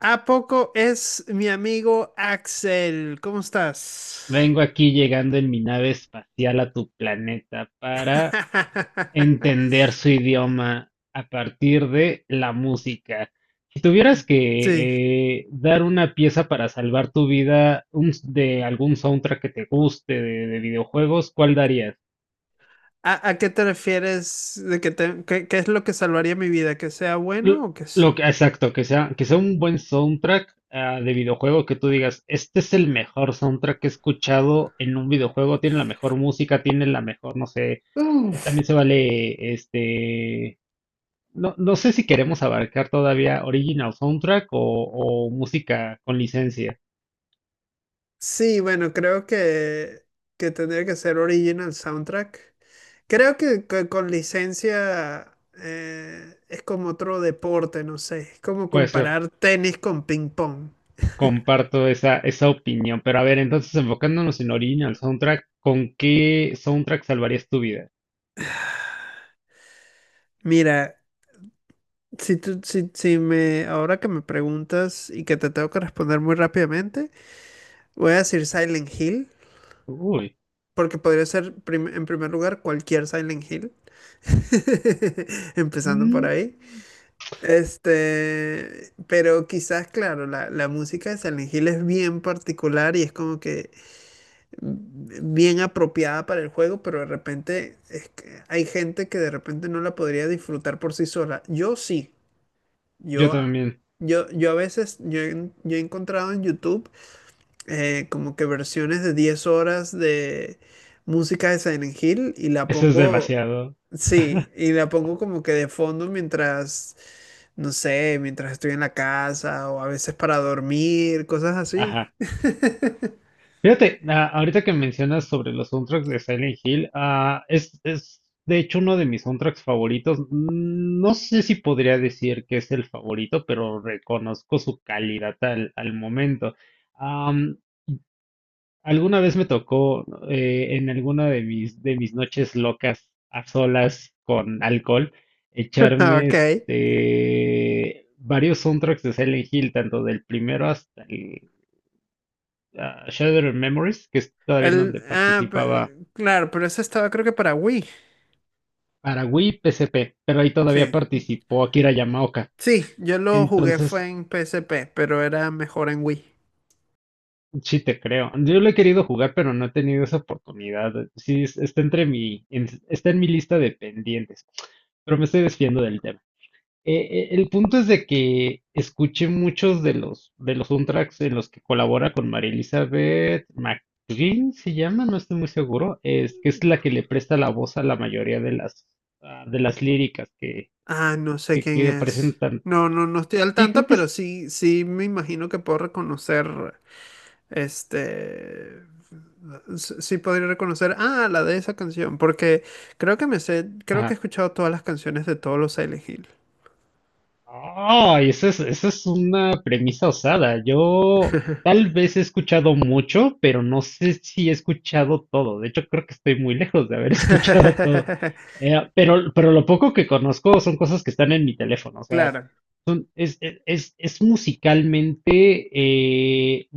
¿A poco es mi amigo Axel? ¿Cómo estás? Vengo aquí llegando en mi nave espacial a tu planeta para entender su idioma a partir de la música. Si tuvieras Sí. que dar una pieza para salvar tu vida de algún soundtrack que te guste de videojuegos, ¿cuál darías? A qué te refieres? ¿De que te- qué, qué es lo que salvaría mi vida? ¿Que sea Lo bueno o que sea... lo que, exacto, que sea un buen soundtrack ah, de videojuego, que tú digas, este es el mejor soundtrack que he escuchado en un videojuego, tiene la mejor música, tiene la mejor, no sé, también Uf. se vale, este, no sé si queremos abarcar todavía original soundtrack o música con licencia. Sí, bueno, creo que tendría que ser original soundtrack. Creo que, co- con licencia es como otro deporte, no sé. Es como Puede ser, comparar tenis con ping pong. comparto esa opinión, pero a ver, entonces enfocándonos en original soundtrack, ¿con qué soundtrack salvarías tu vida? Mira, si tú, si me, ahora que me preguntas y que te tengo que responder muy rápidamente, voy a decir Silent Hill, Uy. porque podría ser prim- en primer lugar cualquier Silent Hill, empezando por Mm. ahí. Pero quizás, claro, la música de Silent Hill es bien particular y es como que bien apropiada para el juego, pero de repente es que hay gente que de repente no la podría disfrutar por sí sola. Yo sí. Yo Yo, también. yo a veces, yo he encontrado en YouTube como que versiones de 10 horas de música de Silent Hill y la Eso es pongo, demasiado. sí, y la pongo como que de fondo mientras, no sé, mientras estoy en la casa o a veces para dormir, cosas así. Ajá. Fíjate, ahorita que mencionas sobre los soundtracks de Silent Hill, ah, es de hecho uno de mis soundtracks favoritos. Mm. No sé si podría decir que es el favorito, pero reconozco su calidad al momento. Am, alguna vez me tocó en alguna de de mis noches locas a solas con alcohol Ah, echarme ok. este, varios soundtracks de Silent Hill, tanto del primero hasta el ah, Shattered Memories, que es todavía en El, donde ah, participaba pe- claro, pero ese estaba creo que para Wii. para Wii PSP, pero ahí todavía Sí, participó Akira Yamaoka. sí, yo lo jugué Entonces, fue en PSP, pero era mejor en Wii. sí te creo. Yo lo he querido jugar, pero no he tenido esa oportunidad. Sí, está entre mi, está en mi lista de pendientes, pero me estoy desviando del tema. El punto es de que escuché muchos de los soundtracks en los que colabora con María Elizabeth McGuinn, se llama, no estoy muy seguro, es que es la que le presta la voz a la mayoría de las ah, de las líricas que, Ah, no sé quién que es. presentan. No, no, no estoy al Sí, creo tanto, que pero es. sí, sí me imagino que puedo reconocer, este, s- sí podría reconocer, ah, la de esa canción, porque creo que me sé, creo que he escuchado todas las canciones de todos los Silent Hill. Ay, esa es una premisa osada. Yo tal vez he escuchado mucho, pero no sé si he escuchado todo. De hecho, creo que estoy muy lejos de haber escuchado todo. Pero lo poco que conozco son cosas que están en mi teléfono. O sea, Claro, es musicalmente,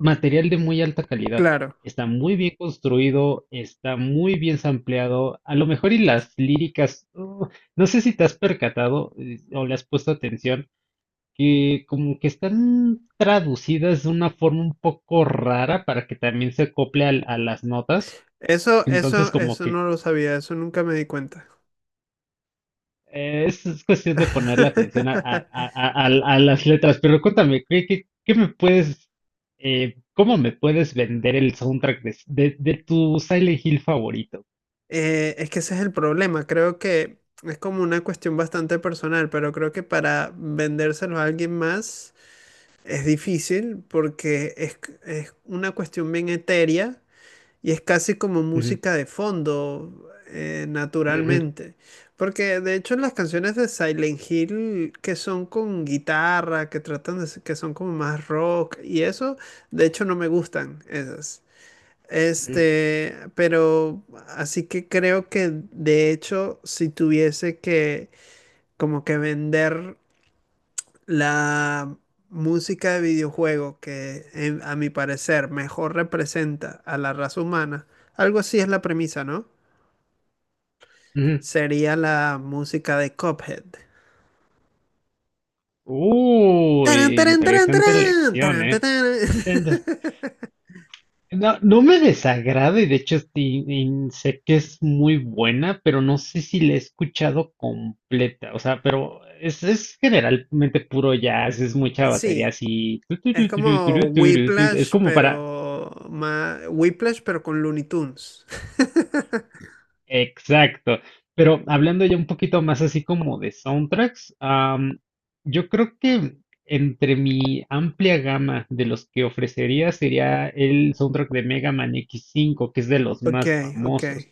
material de muy alta calidad. claro. Está muy bien construido, está muy bien sampleado. A lo mejor y las líricas, no sé si te has percatado o le has puesto atención, que como que están traducidas de una forma un poco rara para que también se acople a las notas. Eso, Entonces eso, como eso que no lo sabía, eso nunca me di cuenta. Es cuestión de ponerle atención a, a las letras, pero cuéntame, ¿qué, qué me puedes, cómo me puedes vender el soundtrack de, de tu Silent Hill favorito? Es que ese es el problema. Creo que es como una cuestión bastante personal, pero creo que para vendérselo a alguien más es difícil porque es, c- es una cuestión bien etérea y es casi como Ujú. música de fondo, Ujú. naturalmente. Porque de hecho las canciones de Silent Hill que son con guitarra, que tratan de, s- que son como más rock y eso, de hecho no me gustan esas. Ujú. Pero así que creo que de hecho, si tuviese que como que vender la música de videojuego que en- a mi parecer mejor representa a la raza humana, algo así es la premisa, ¿no? Ujú. Sería la música de Cuphead. ¡Tarán, Uy, tarán, tarán, interesante tarán, elección, tarán, tarán, ¿eh? tarán! No, no me desagrada y de hecho sí, y sé que es muy buena, pero no sé si la he escuchado completa. O sea, pero es generalmente puro jazz, es mucha batería Sí, así. Tu, tu, es tu, tu, tu, tu, como tu, tu, tu, tu. Es Whiplash, como para... pero más Whiplash, pero con Looney Tunes. Exacto. Pero hablando ya un poquito más así como de soundtracks, am, yo creo que entre mi amplia gama de los que ofrecería sería el soundtrack de Mega Man x cinco que es de los Ok, más ok. famosos.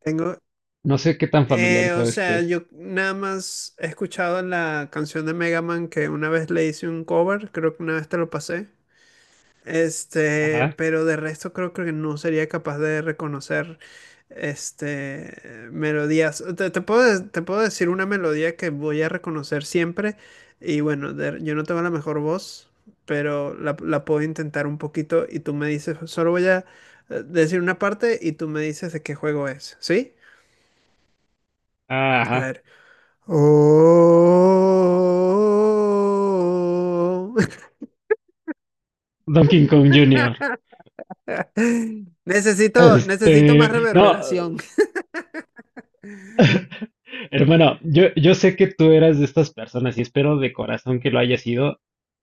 Tengo, No sé qué tan o familiarizado sea, estés. yo nada más he escuchado la canción de Mega Man que una vez le hice un cover, creo que una vez te lo pasé. Este, Ajá. pero de resto creo que no sería capaz de reconocer este melodías. Te puedo, de- te puedo decir una melodía que voy a reconocer siempre. Y bueno, de- yo no tengo la mejor voz, pero la puedo intentar un poquito y tú me dices, solo voy a decir una parte y tú me dices de qué juego es, ¿sí? Ah, A ajá. ver. Oh. Donkey Kong Junior. Necesito, necesito más Este, no. reverberación. Hermano, yo sé que tú eras de estas personas y espero de corazón que lo hayas sido.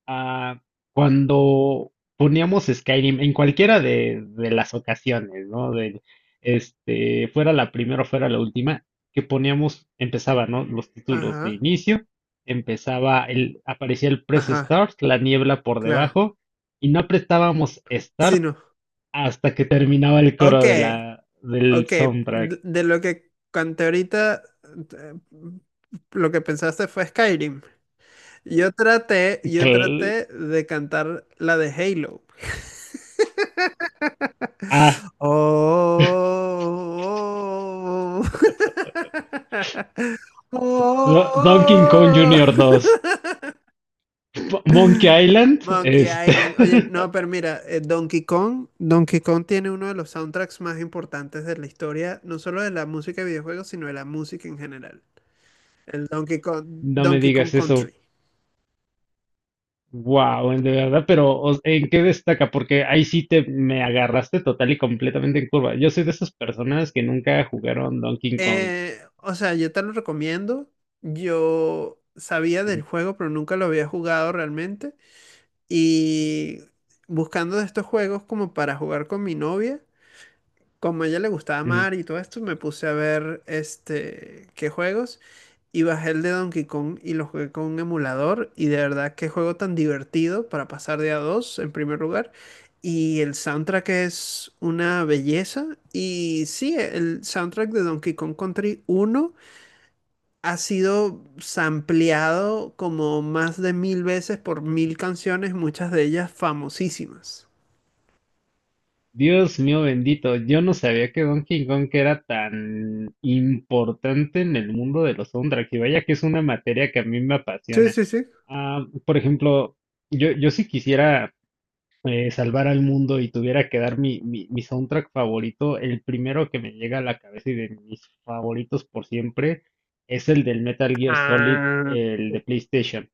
Ah, cuando poníamos Skyrim en cualquiera de las ocasiones, ¿no? De este, fuera la primera o fuera la última, que poníamos, empezaba, ¿no? Los títulos de Ajá. inicio, empezaba el, aparecía el press Ajá, start, la niebla por claro. debajo, y no apretábamos Sí, start no. hasta que terminaba el Ok, coro de la, del ok. soundtrack. De lo que conté ahorita, eh, lo que pensaste fue Skyrim. Yo Cl- traté de cantar la de Halo. Oh, Donkey Kong Junior 2. oh. Monkey Island. Monkey Este. Island. Oye, no, pero mira, Donkey Kong, Donkey Kong tiene uno de los soundtracks más importantes de la historia, no solo de la música de videojuegos, sino de la música en general. El Donkey Kong, No me Donkey Kong digas eso. Country. Wow, de verdad, pero ¿en qué destaca? Porque ahí sí te me agarraste total y completamente en curva. Yo soy de esas personas que nunca jugaron Donkey Kong. O sea, yo te lo recomiendo. Yo sabía del Ujú. juego, pero nunca lo había jugado realmente. Y buscando de estos juegos como para jugar con mi novia, como a ella le gustaba Ujú. mar y todo esto, me puse a ver este qué juegos y bajé el de Donkey Kong y lo jugué con un emulador y de verdad qué juego tan divertido para pasar de a dos en primer lugar y el soundtrack es una belleza y sí, el soundtrack de Donkey Kong Country uno ha sido sampleado como más de mil veces por mil canciones, muchas de ellas famosísimas. Dios mío bendito, yo no sabía que Donkey Kong era tan importante en el mundo de los soundtracks. Y vaya que es una materia que a mí me Sí, apasiona. sí, sí. Ah, por ejemplo, yo sí quisiera salvar al mundo y tuviera que dar mi soundtrack favorito, el primero que me llega a la cabeza y de mis favoritos por siempre es el del Metal Gear Solid, Ah, el de PlayStation.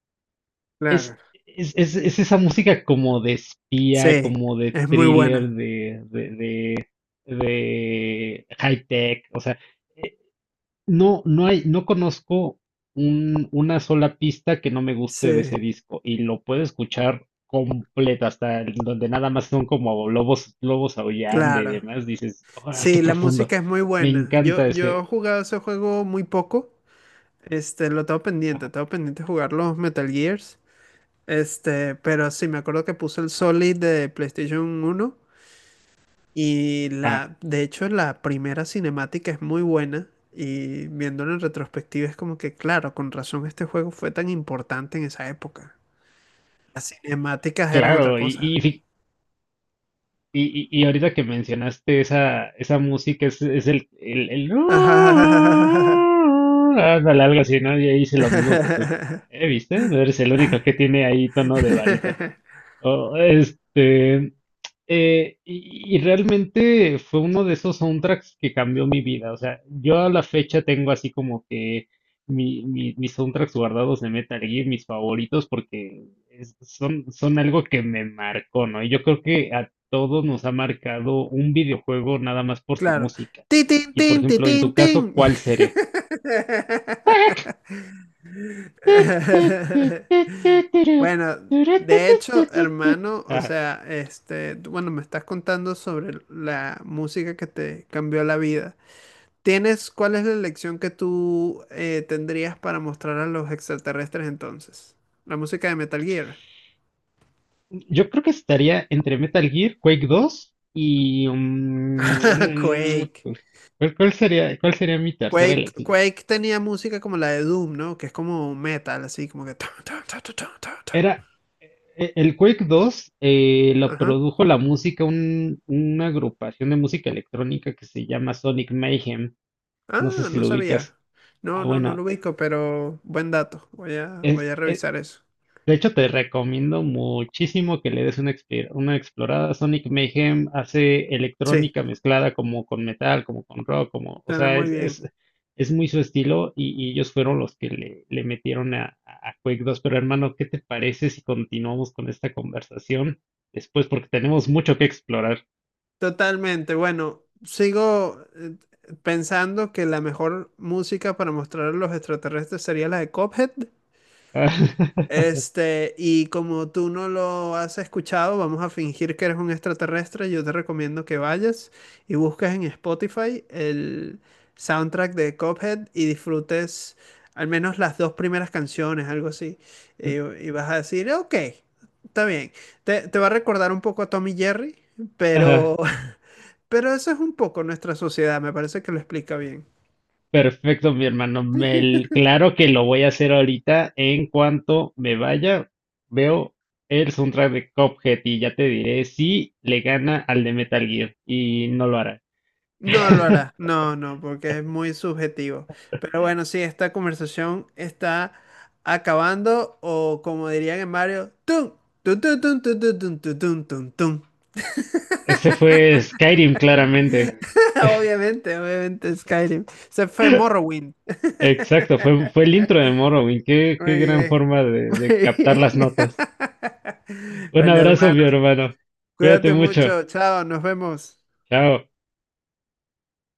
Es, claro. Es esa música como de espía, Sí, como de es muy thriller, buena. De high tech, o sea, no hay, no conozco una sola pista que no me guste de ese Sí, disco y lo puedo escuchar completa hasta donde nada más son como lobos, lobos aullando y claro. demás. Dices, ¡ah, qué Sí, la profundo! música es muy Me buena. Yo, encanta yo he ese. jugado ese juego muy poco. Este, lo Ajá, tengo pendiente jugar los Metal Gears. Pero sí, me acuerdo que puse el Solid de PlayStation uno y ajá, la, de hecho, la primera cinemática es muy buena y viéndolo en retrospectiva es como que, claro, con razón este juego fue tan importante en esa época. Las cinemáticas eran otra claro. Cosa. Y ahorita que mencionaste esa, esa música es, es el ándale, algo así, ¿no? Y ahí hice lo mismo que tú. ¿Eh, viste? Eres el único que tiene ahí tono de barítono. Oh, este, y realmente fue uno de esos soundtracks que cambió mi vida. O sea, yo a la fecha tengo así como que mis soundtracks guardados de Metal Gear, mis favoritos, porque son algo que me marcó, ¿no? Y yo creo que a todos nos ha marcado un videojuego nada más por su Claro. música. Tin, tin, Y por tin, ti, ejemplo, en tu tin, caso, tin. ¿cuál sería? Bueno, de hecho, hermano, o Ajá. sea, este, tú- bueno, me estás contando sobre la música que te cambió la vida. ¿Tienes, cuál es la lección que tú tendrías para mostrar a los extraterrestres entonces? La música de Metal Gear. Yo creo que estaría entre Metal Gear, Quake dos y... mm, Quake. ¿cuál, cuál sería mi tercera Quake, elección? Quake tenía música como la de Doom, ¿no? Que es como metal, así como que... ta, ta, ta, ta, ta, ta, ta. Era el Quake dos lo Ajá. produjo la música, una agrupación de música electrónica que se llama Sonic Mayhem. No sé Ah, si no lo sabía. ubicas. Ah, No, no, no bueno, lo ubico, pero buen dato. Voy a, voy a revisar eso. de hecho, te recomiendo muchísimo que le des una, una explorada. Sonic Mayhem hace Sí, electrónica mezclada como con metal, como con rock, como, o suena sea, muy bien. Es muy su estilo y ellos fueron los que le metieron a, a Quake 2. Pero hermano, ¿qué te parece si continuamos con esta conversación después? Porque tenemos mucho que explorar. Totalmente. Bueno, sigo pensando que la mejor música para mostrar a los extraterrestres sería la de Cuphead. Este, y como tú no lo has escuchado, vamos a fingir que eres un extraterrestre. Yo te recomiendo que vayas y busques en Spotify el soundtrack de Cuphead y disfrutes al menos las dos primeras canciones, algo así. Y vas a decir, ok, está bien. Te va a recordar un poco a Tommy Jerry, Ajá. pero, pero eso es un poco nuestra sociedad. Me parece que lo explica bien. Perfecto, mi hermano. Claro que lo voy a hacer ahorita. En cuanto me vaya, veo el soundtrack de Cuphead y ya te diré si le gana al de Metal Gear. Y no lo hará. No lo hará, no, no, porque es muy subjetivo. Pero bueno, sí, esta conversación está acabando o como dirían en Mario, tum, tum, tum, tum, tum, tum, tum, tum, tum, tum, tum. Ese fue Skyrim, claramente. Obviamente, obviamente Skyrim. Se fue Morrowind. Exacto, fue el intro de Morrowind. Qué, qué Muy gran bien, forma de muy captar bien. las notas. Un Bueno, hermano, abrazo, mi hermano. Cuídate cuídate mucho. mucho. Chao, nos vemos. Chao.